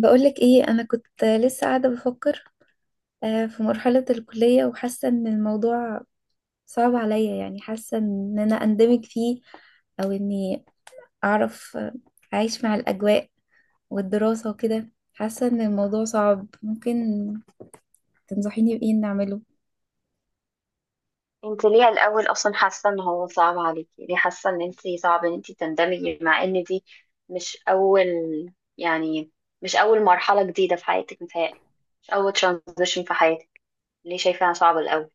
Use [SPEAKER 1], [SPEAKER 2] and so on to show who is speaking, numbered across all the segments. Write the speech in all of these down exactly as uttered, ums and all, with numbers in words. [SPEAKER 1] بقولك ايه؟ انا كنت لسه قاعده بفكر. آه، في مرحله الكليه وحاسه ان الموضوع صعب عليا. يعني حاسه ان انا اندمج فيه او اني اعرف، آه، اعيش مع الاجواء والدراسه وكده. حاسه ان الموضوع صعب، ممكن تنصحيني بايه إني اعمله؟
[SPEAKER 2] انت ليه الاول اصلا حاسه ان هو صعب عليكي؟ ليه حاسه ان انت صعب ان انت تندمجي مع ان دي؟ مش اول يعني مش اول مرحله جديده في حياتك متهيألي. مش اول ترانزيشن في حياتك. ليه شايفاها صعبه الاول؟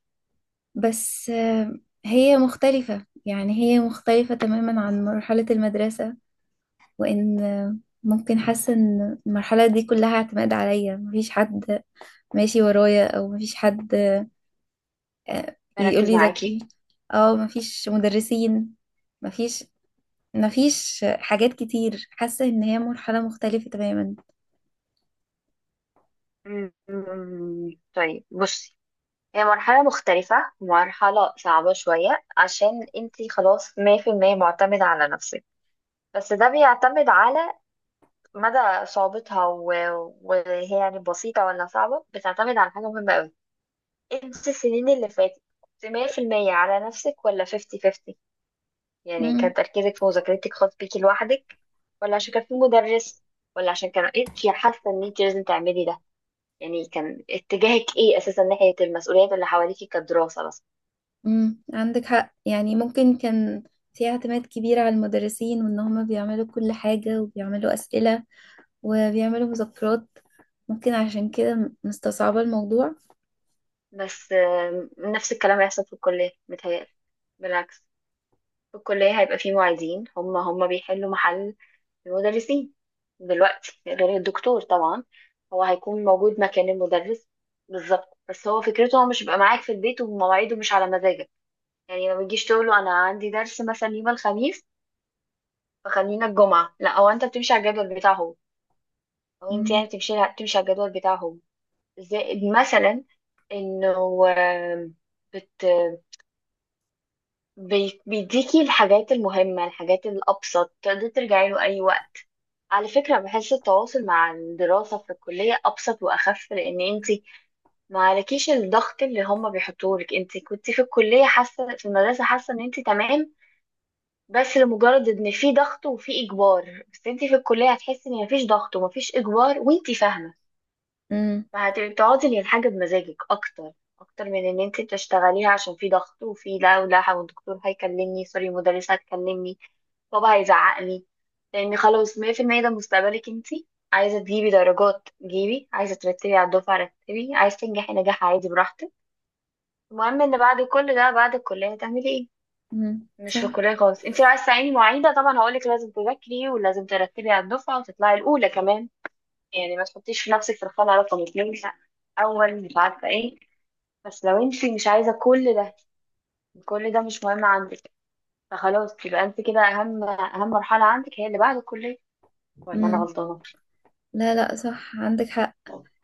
[SPEAKER 1] بس آه، هي مختلفه. يعني هي مختلفه تماما عن مرحله المدرسه. وان آه، ممكن حاسه ان المرحله دي كلها اعتماد عليا، مفيش حد ماشي ورايا او مفيش حد آه، يقول
[SPEAKER 2] بركز
[SPEAKER 1] لي ذاكري.
[SPEAKER 2] معاكي.
[SPEAKER 1] او مفيش مدرسين، مفيش مفيش حاجات كتير. حاسة ان هي مرحلة مختلفة تماما.
[SPEAKER 2] أمم، طيب، بصي، هي مرحله مختلفه، مرحله صعبه شويه عشان انت خلاص مية في المية معتمده على نفسك. بس ده بيعتمد على مدى صعوبتها و- وهي يعني بسيطة ولا صعبة، بتعتمد على حاجة مهمة أوي. انت السنين اللي فاتت كنت مية في المية على نفسك ولا خمسين خمسين؟ يعني كان
[SPEAKER 1] امم.
[SPEAKER 2] تركيزك في مذاكرتك خاص بيكي لوحدك، ولا عشان كان في مدرس، ولا عشان كان انت حاسه ان انت لازم تعملي ده؟ يعني كان اتجاهك ايه اساسا ناحيه المسؤوليات اللي حواليكي كدراسه بس؟
[SPEAKER 1] امم عندك حق يعني ممكن كان في اعتماد كبير على المدرسين وان هما بيعملوا كل حاجة وبيعملوا أسئلة وبيعملوا مذكرات ممكن عشان كده مستصعبة الموضوع
[SPEAKER 2] بس آم، نفس الكلام هيحصل في الكليه متهيألي. بالعكس، في الكلية هيبقى فيه معيدين، هم هم بيحلوا محل المدرسين دلوقتي. غير الدكتور طبعا، هو هيكون موجود مكان المدرس بالظبط. بس هو فكرته، هو مش بيبقى معاك في البيت، ومواعيده مش على مزاجك. يعني ما بتجيش تقول له انا عندي درس مثلا يوم الخميس فخلينا الجمعة. لا، هو انت بتمشي على الجدول بتاعه هو، او انت
[SPEAKER 1] امم،
[SPEAKER 2] يعني بتمشي بتمشي على الجدول بتاعه هو. زائد مثلا انه آم، بت بي- بيديكي الحاجات المهمة، الحاجات الأبسط تقدري ترجعي له أي وقت. على فكرة، بحس التواصل مع الدراسة في الكلية أبسط وأخف، لأن أنت ما عليكيش الضغط اللي هم بيحطوه لك. أنت كنت في الكلية حاسة، في المدرسة حاسة إن أنت تمام، بس لمجرد إن في ضغط وفي إجبار. بس أنت في الكلية هتحسي إن مفيش ضغط ومفيش إجبار، وأنت فاهمة،
[SPEAKER 1] امم،
[SPEAKER 2] فهتبقي بتقعدي للحاجة بمزاجك أكتر، أكتر من إن أنت بتشتغليها عشان في ضغط وفي لا ولا والدكتور هيكلمني، سوري، المدرسة هتكلمني، بابا هيزعقني. لان خلاص مية في المية ده مستقبلك انتي. عايزه تجيبي درجات، جيبي؛ عايزه ترتبي على الدفعه، رتبي؛ عايزه تنجحي نجاح عادي، براحتك. المهم ان بعد كل ده، بعد الكليه هتعملي ايه.
[SPEAKER 1] امم،
[SPEAKER 2] مش في
[SPEAKER 1] صح.
[SPEAKER 2] الكليه خالص. انتي لو عايزه تعيني معيده، طبعا هقولك لازم تذاكري ولازم ترتبي على الدفعه وتطلعي الاولى كمان. يعني ما تحطيش في نفسك في الخانه رقم اتنين، لا، اول مش عارفه ايه. بس لو انتي مش عايزه كل ده، كل ده مش مهم عندك، فخلاص، يبقى انت كده اهم اهم مرحله عندك هي اللي بعد الكليه. ولا انا
[SPEAKER 1] امم.
[SPEAKER 2] غلطانه؟
[SPEAKER 1] لا، لا، صح، عندك حق.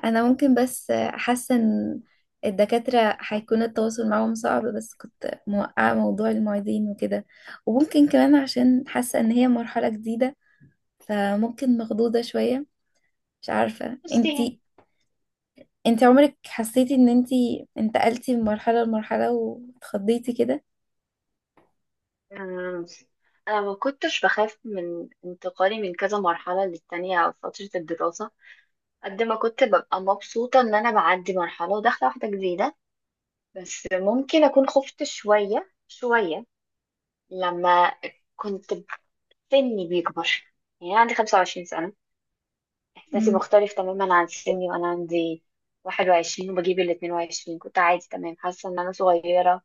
[SPEAKER 1] انا ممكن، بس حاسه ان الدكاتره هيكون التواصل معاهم صعب، بس كنت موقعه موضوع المعيدين وكده. وممكن كمان عشان حاسه ان هي مرحله جديده، فممكن مخضوضه شويه. مش عارفه،
[SPEAKER 2] بصي،
[SPEAKER 1] انتي انتي عمرك حسيتي ان انتي انتقلتي من مرحله لمرحله واتخضيتي كده؟
[SPEAKER 2] آه، انا ما كنتش بخاف من انتقالي من كذا مرحله للتانية او فتره الدراسه، قد ما كنت ببقى مبسوطه ان انا بعدي مرحله وداخله واحده جديده. بس ممكن اكون خفت شويه شويه لما كنت سني بيكبر. يعني أنا عندي خمسة وعشرين سنة سنه، احساسي
[SPEAKER 1] امم.
[SPEAKER 2] مختلف تماما عن سني وانا عندي واحد وعشرين وبجيب ال اثنين وعشرين. كنت عادي تمام، حاسه ان انا صغيره،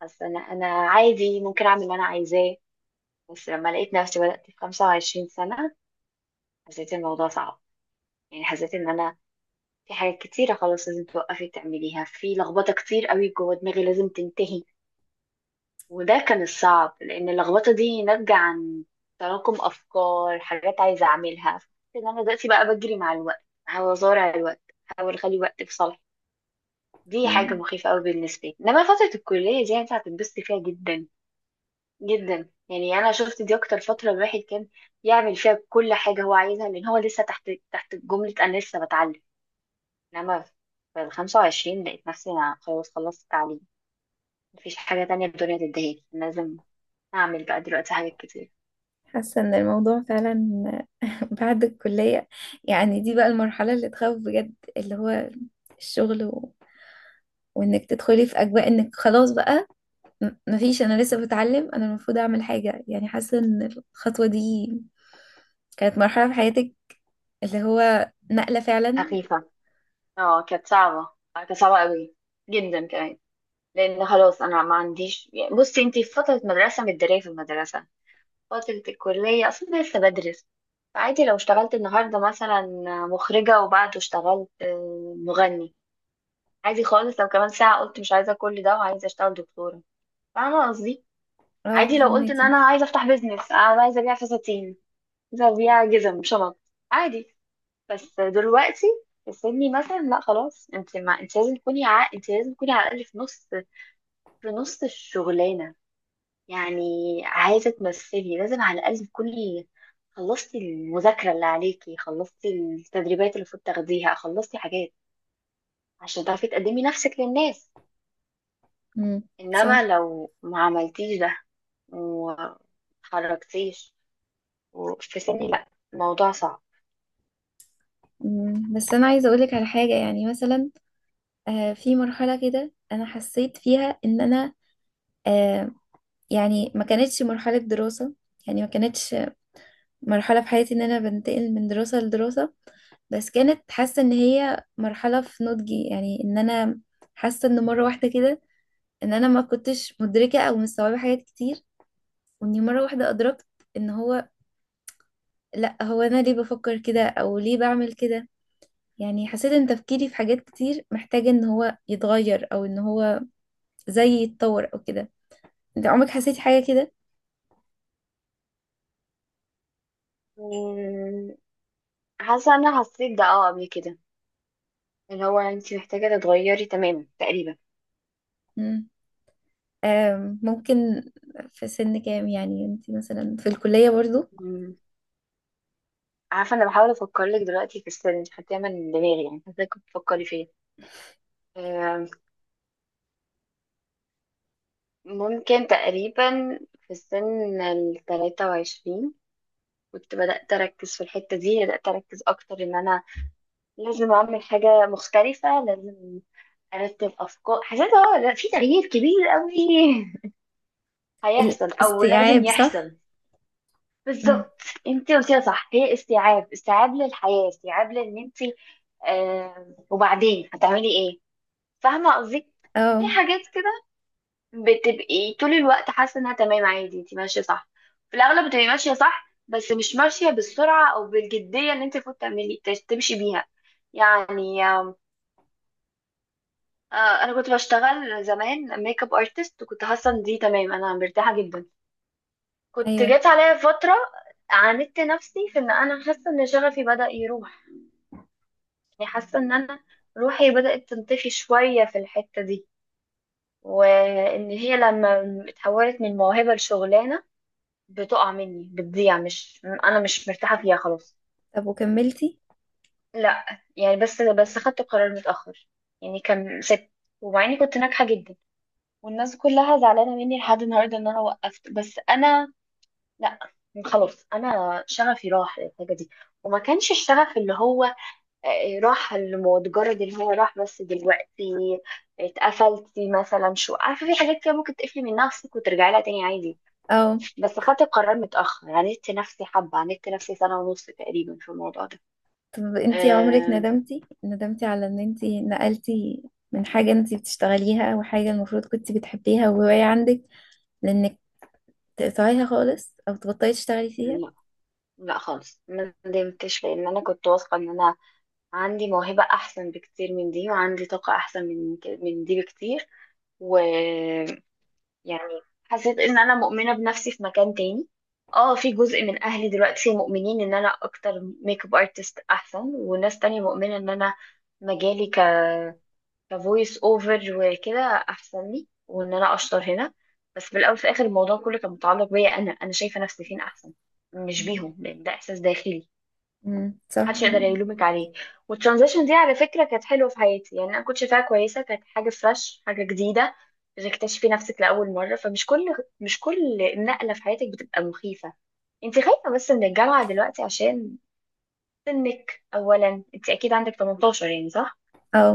[SPEAKER 2] حاسه ان انا عادي ممكن اعمل اللي انا عايزاه. بس لما لقيت نفسي بدأت في 25 سنة، حسيت الموضوع صعب. يعني حسيت ان انا في حاجات كتيرة خلاص لازم توقفي تعمليها، في لخبطة كتير قوي جوه دماغي لازم تنتهي. وده كان الصعب، لان اللخبطة دي ناتجة عن تراكم افكار، حاجات عايزة اعملها، ان انا دلوقتي بقى بجري مع الوقت، بحاول ازارع الوقت، بحاول اخلي الوقت في صالحي. دي حاجة
[SPEAKER 1] نعم.
[SPEAKER 2] مخيفة قوي بالنسبة لي. انما فترة الكلية دي انت هتتبسطي فيها جدا جدا. يعني انا شفت دي اكتر فتره الواحد كان يعمل فيها كل حاجه هو عايزها، لان هو لسه تحت تحت جمله انا لسه بتعلم. انما في ال الخمسة وعشرين لقيت نفسي انا خلاص خلصت التعليم، مفيش حاجه تانية الدنيا تديهالي، أنا لازم اعمل بقى دلوقتي حاجات كتير
[SPEAKER 1] حاسه ان الموضوع فعلا بعد الكليه. يعني دي بقى المرحله اللي تخوف بجد، اللي هو الشغل و... وانك تدخلي في اجواء انك خلاص بقى، م- مفيش، انا لسه بتعلم، انا المفروض اعمل حاجه. يعني حاسه ان الخطوه دي كانت مرحله في حياتك اللي هو نقله فعلا.
[SPEAKER 2] خفيفه. اه، كانت صعبه. آه، كانت صعبه قوي جدا كمان. لان خلاص انا ما عنديش، يعني بصي انتي في فتره مدرسه متداريه في المدرسه، فترة الكلية أصلا لسه بدرس. عادي لو اشتغلت النهاردة مثلا مخرجة وبعده اشتغلت آه، مغني. عادي خالص لو كمان ساعة قلت مش عايزة كل ده وعايزة اشتغل دكتورة. فاهمة قصدي؟
[SPEAKER 1] اه،
[SPEAKER 2] عادي لو قلت ان
[SPEAKER 1] فهماكي.
[SPEAKER 2] انا عايزة افتح بيزنس، انا عايزة ابيع فساتين، عايزة ابيع جزم، شنط، عادي. بس دلوقتي في سني مثلا، لا، خلاص انت ما انت لازم تكوني ع... انت لازم تكوني على الاقل في نص، في نص الشغلانة. يعني عايزة تمثلي، لازم على الأقل تكوني خلصتي المذاكرة اللي عليكي، خلصتي التدريبات اللي المفروض تاخديها، خلصتي حاجات عشان تعرفي تقدمي نفسك للناس.
[SPEAKER 1] امم، صح.
[SPEAKER 2] إنما لو ما عملتيش ده ومتحركتيش في سني، لأ، الموضوع صعب.
[SPEAKER 1] مم. بس انا عايزه اقولك على حاجه، يعني مثلا آه في مرحله كده انا حسيت فيها ان انا، آه يعني ما كانتش مرحله دراسه. يعني ما كانتش مرحله في حياتي ان انا بنتقل من دراسه لدراسه، بس كانت حاسه ان هي مرحله في نضجي. يعني ان انا حاسه ان مره واحده كده ان انا ما كنتش مدركة او مستوعبة حاجات كتير، واني مرة واحدة ادركت ان هو، لا هو انا ليه بفكر كده او ليه بعمل كده. يعني حسيت ان تفكيري في حاجات كتير محتاجة ان هو يتغير او ان هو زي يتطور او كده. انت عمرك حسيتي حاجة كده؟
[SPEAKER 2] مم، حاسة أنا حسيت ده، اه، قبل كده، اللي هو انتي محتاجة تتغيري تماما تقريبا.
[SPEAKER 1] مم. آم، ممكن. في سن كام يعني؟ انت مثلا في الكلية برضو؟
[SPEAKER 2] مم، عارفة أنا بحاول أفكر لك دلوقتي في السن حتى، من دماغي يعني، حاسة كنت بتفكري فيا. آه، ممكن تقريبا في سن التلاتة وعشرين كنت بدأت أركز في الحتة دي، بدأت أركز أكتر إن أنا لازم أعمل حاجة مختلفة، لازم أرتب أفكار. حسيت اه لا، في تغيير كبير أوي هيحصل أو لازم
[SPEAKER 1] الاستيعاب،
[SPEAKER 2] يحصل.
[SPEAKER 1] صح. امم.
[SPEAKER 2] بالظبط، انت قلتيها صح، هي استيعاب، استيعاب للحياة، استيعاب لأن انت آه وبعدين هتعملي ايه. فاهمة قصدي؟ في
[SPEAKER 1] اه.
[SPEAKER 2] حاجات كده بتبقي طول الوقت حاسه انها تمام، عادي، انت ماشيه صح. في الاغلب بتبقي ماشيه صح، بس مش ماشيه بالسرعه او بالجديه اللي انت المفروض تعملي تمشي بيها. يعني آم، آه، انا كنت بشتغل زمان ميك اب ارتست، وكنت حاسه ان دي تمام، انا مرتاحه جدا. كنت
[SPEAKER 1] ايوه.
[SPEAKER 2] جت عليا فتره عاندت نفسي في ان انا حاسه ان شغفي بدأ يروح، يعني حاسه ان انا روحي بدأت تنطفي شويه في الحته دي، وان هي لما اتحولت من موهبه لشغلانه بتقع مني، بتضيع، مش انا مش مرتاحه فيها خلاص.
[SPEAKER 1] طب وكملتي؟
[SPEAKER 2] لا، يعني بس بس خدت قرار متاخر. يعني كان ست، ومع اني كنت ناجحه جدا والناس كلها زعلانه مني لحد النهارده ان انا وقفت، بس انا لا، خلاص انا شغفي راح للحاجه دي. وما كانش الشغف اللي هو، آه، راح المتجرد اللي هو راح، بس دلوقتي اتقفلتي مثلا، شو عارفه، في حاجات كده ممكن تقفلي من نفسك وترجعي لها تاني عادي.
[SPEAKER 1] اه.
[SPEAKER 2] بس خدت القرار متأخر، عاندت نفسي حبة، عاندت نفسي سنة ونص تقريبا في الموضوع ده.
[SPEAKER 1] طب انتي عمرك
[SPEAKER 2] أه.
[SPEAKER 1] ندمتي، ندمتي على ان انتي نقلتي من حاجة انتي بتشتغليها او حاجة المفروض كنتي بتحبيها وهواية عندك، لانك تقطعيها خالص او تبطلي تشتغلي فيها؟
[SPEAKER 2] لا لا خالص ما ندمتش، لأن أنا كنت واثقة إن أنا عندي موهبة أحسن بكتير من دي، وعندي طاقة أحسن من ك- من دي بكتير. ويعني حسيت إن أنا مؤمنة بنفسي في مكان تاني. اه، في جزء من أهلي دلوقتي مؤمنين إن أنا أكتر ميك اب ارتست أحسن، وناس تانية مؤمنة إن أنا مجالي كفويس اوفر وكده احسن لي، وان انا اشطر هنا. بس في الاول في الاخر الموضوع كله كان متعلق بيا انا، انا شايفه نفسي فين احسن، مش بيهم، لان ده احساس داخلي
[SPEAKER 1] امم، صح.
[SPEAKER 2] محدش يقدر يلومك عليه. والترانزيشن دي على فكره كانت حلوه في حياتي، يعني انا كنت شايفاها كويسه، كانت حاجه فريش، حاجه جديده، بتكتشفي نفسك لاول مره. فمش كل مش كل نقله في حياتك بتبقى مخيفه. انت خايفه بس من الجامعه دلوقتي عشان سنك اولا، انت اكيد عندك تمنتاشر، يعني صح؟
[SPEAKER 1] او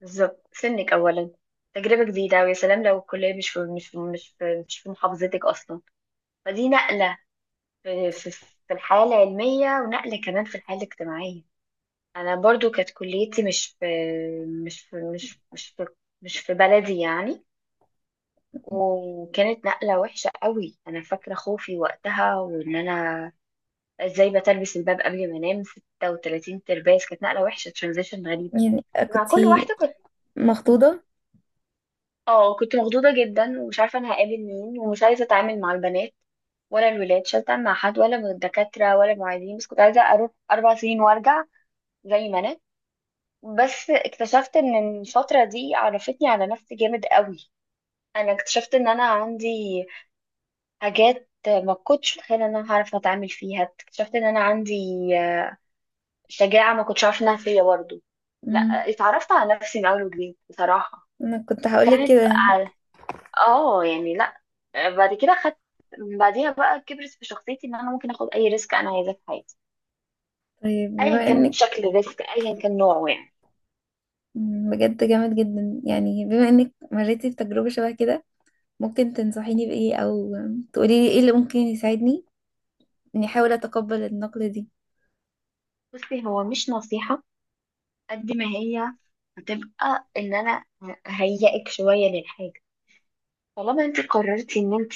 [SPEAKER 2] بالظبط. سنك أولا، تجربة جديدة، ويا سلام لو الكلية مش في مش في مش في, مش في محافظتك أصلا. فدي نقلة في, في, في الحياة العلمية، ونقلة كمان في الحياة الاجتماعية. أنا برضو كانت كليتي مش في مش في مش مش في مش في بلدي يعني. وكانت نقلة وحشة قوي، أنا فاكرة خوفي وقتها، وإن أنا إزاي بتلبس الباب قبل ما أنام ستة وتلاتين ترباس. كانت نقلة وحشة، ترانزيشن غريبة
[SPEAKER 1] يعني
[SPEAKER 2] مع كل
[SPEAKER 1] كنتي
[SPEAKER 2] واحدة. كنت،
[SPEAKER 1] مخطوطة؟
[SPEAKER 2] اه، كنت مخضوضة جدا، ومش عارفة انا هقابل مين، ومش عايزة اتعامل مع البنات ولا الولاد، مش عايزة اتعامل مع حد ولا من الدكاترة ولا المعيدين، بس كنت عايزة اروح اربع سنين وارجع زي ما انا. بس اكتشفت ان الفترة دي عرفتني على نفسي جامد قوي. انا اكتشفت ان انا عندي حاجات ما كنتش متخيلة ان انا هعرف اتعامل فيها، اكتشفت ان انا عندي آه، شجاعة ما كنتش عارفة انها فيا برضه. لا،
[SPEAKER 1] امم.
[SPEAKER 2] اتعرفت على نفسي من اول وجديد بصراحة.
[SPEAKER 1] انا كنت هقولك
[SPEAKER 2] وكانت،
[SPEAKER 1] كده.
[SPEAKER 2] اه يعني لا، آه، بعد كده خدت، بعديها بقى كبرت في شخصيتي ان انا ممكن اخد اي ريسك انا عايزاه في حياتي،
[SPEAKER 1] طيب
[SPEAKER 2] ايا
[SPEAKER 1] بما
[SPEAKER 2] كان
[SPEAKER 1] انك،
[SPEAKER 2] شكل الريسك ايا كان نوعه يعني.
[SPEAKER 1] مم، بجد جامد جدا. يعني بما انك مريتي بتجربة شبه كده، ممكن تنصحيني بإيه او تقولي لي ايه اللي ممكن يساعدني اني احاول اتقبل النقلة دي؟
[SPEAKER 2] بصي، هو مش نصيحة قد ما هي هتبقى ان انا هيئك شوية للحاجة. طالما انت قررتي ان انت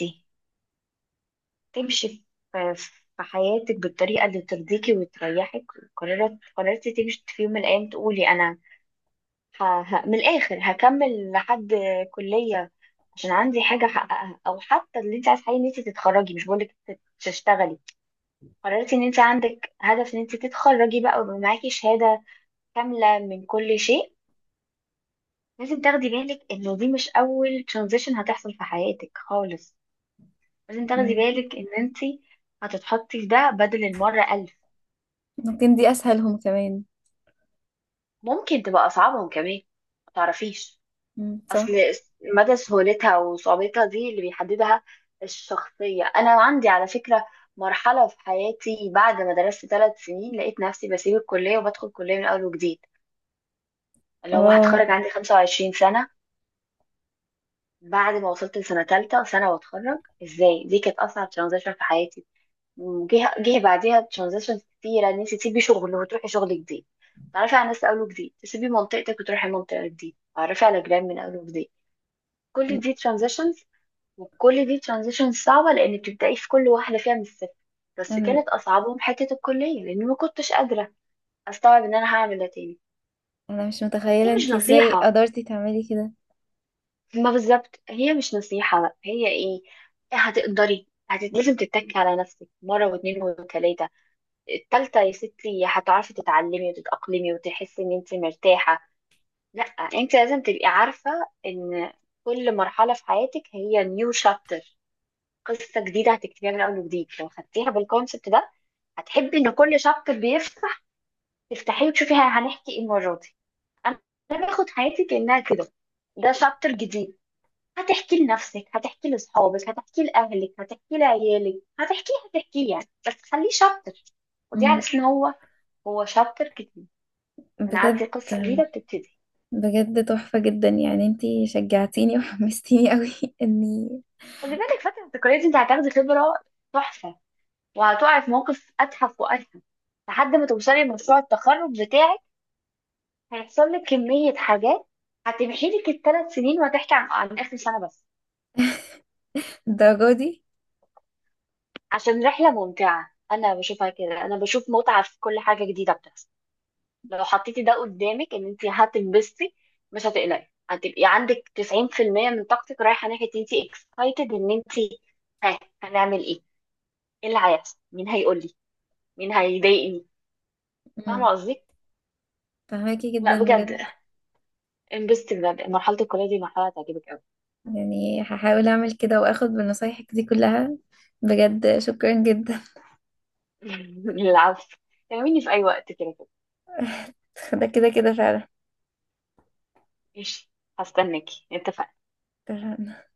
[SPEAKER 2] تمشي في في حياتك بالطريقة اللي ترضيكي وتريحك، قررت، قررتي تمشي في يوم من الايام تقولي انا ه... ه... من الآخر هكمل لحد كلية عشان عندي حاجة أحققها، أو حتى اللي أنت عايز حقيقي إن أنت تتخرجي، مش بقولك تت- تشتغلي. قررتي إن أنت عندك هدف إن أنت تتخرجي بقى ويبقى معاكي شهادة كاملة من كل شيء. لازم تاخدي بالك إن دي مش أول ترانزيشن هتحصل في حياتك خالص، لازم تاخدي
[SPEAKER 1] مم،
[SPEAKER 2] بالك إن أنت هتتحطي في ده بدل المرة ألف.
[SPEAKER 1] ممكن دي اسهلهم كمان.
[SPEAKER 2] ممكن تبقى أصعبهم كمان، متعرفيش.
[SPEAKER 1] مم،
[SPEAKER 2] اصل
[SPEAKER 1] صح.
[SPEAKER 2] مدى سهولتها وصعوبتها دي اللي بيحددها الشخصية. انا عندي على فكرة مرحلة في حياتي بعد ما درست ثلاث سنين لقيت نفسي بسيب الكلية وبدخل كلية من اول وجديد، اللي هو
[SPEAKER 1] اه.
[SPEAKER 2] هتخرج عندي 25 سنة. بعد ما وصلت لسنة ثالثة سنة واتخرج ازاي، دي كانت اصعب ترانزيشن في حياتي. م- جه جه بعديها ترانزيشن كتيرة، ان انت تسيبي شغل وتروحي شغل جديد، تعرفي على ناس اول وجديد، تسيبي منطقتك وتروحي منطقة جديدة، تعرفي على جيران من اول وجديد. كل دي transitions، وكل دي ترانزيشن صعبة لأن بتبدأي في كل واحدة فيها من الصفر. بس
[SPEAKER 1] انا
[SPEAKER 2] كانت أصعبهم حتة الكلية لأني ما كنتش قادرة أستوعب إن أنا هعمل ده تاني.
[SPEAKER 1] أنا مش متخيلة
[SPEAKER 2] هي مش
[SPEAKER 1] انتي ازاي
[SPEAKER 2] نصيحة،
[SPEAKER 1] قدرتي تعملي كده.
[SPEAKER 2] ما بالظبط هي مش نصيحة بقى، هي إيه؟ هتقدري هت... لازم تتكي على نفسك مرة واتنين وتلاتة. التالتة يا ستي هتعرفي تتعلمي وتتأقلمي وتحسي إن أنت مرتاحة. لأ، أنت لازم تبقي عارفة إن كل مرحلة في حياتك هي نيو شابتر، قصة جديدة هتكتبيها من أول وجديد. لو خدتيها بالكونسبت ده، هتحبي ان كل شابتر بيفتح تفتحيه وتشوفي ه- هنحكي ايه المره دي. انا أنا باخد حياتي كانها كده، ده شابتر جديد. هتحكي لنفسك، هتحكي لاصحابك، هتحكي لاهلك، هتحكي لعيالك، هتحكي هتحكي يعني، بس خليه شابتر. ودي على
[SPEAKER 1] مم،
[SPEAKER 2] اساس ان هو، هو شابتر جديد، انا
[SPEAKER 1] بجد.
[SPEAKER 2] عندي قصه جديده بتبتدي.
[SPEAKER 1] بجد تحفة جدا. يعني انتي شجعتيني وحمستيني قوي اني
[SPEAKER 2] خدي بالك فتره الذكريات دي انت هتاخدي خبره تحفه، وهتقعي في موقف اتحف واتحف لحد ما توصلي لمشروع التخرج بتاعك. هيحصل لك كمية حاجات هتمحي لك الثلاث سنين وهتحكي عن عن آخر سنة بس،
[SPEAKER 1] الدرجة دي.
[SPEAKER 2] عشان رحلة ممتعة. أنا بشوفها كده، أنا بشوف متعة في كل حاجة جديدة بتحصل. لو حطيتي ده قدامك إن أنت هتنبسطي، مش هتقلقي، هتبقي عندك تسعين في المية من طاقتك رايحة ناحية أنت اكسايتد إن أنت ها هنعمل إيه؟ إيه اللي هيحصل؟ مين هيقول لي؟ مين هيضايقني؟ فاهمة
[SPEAKER 1] مم،
[SPEAKER 2] قصدي؟
[SPEAKER 1] فهماكي
[SPEAKER 2] لا
[SPEAKER 1] جدا
[SPEAKER 2] بجد،
[SPEAKER 1] بجد.
[SPEAKER 2] انبسطي بجد، مرحلة الكلية دي مرحلة هتعجبك أوي.
[SPEAKER 1] يعني هحاول اعمل كده واخد بنصايحك دي كلها. بجد شكرا جدا.
[SPEAKER 2] العفو. كلميني في أي وقت كده.
[SPEAKER 1] ده كده كده.
[SPEAKER 2] ماشي، هستناكي، اتفقنا.
[SPEAKER 1] فعلا.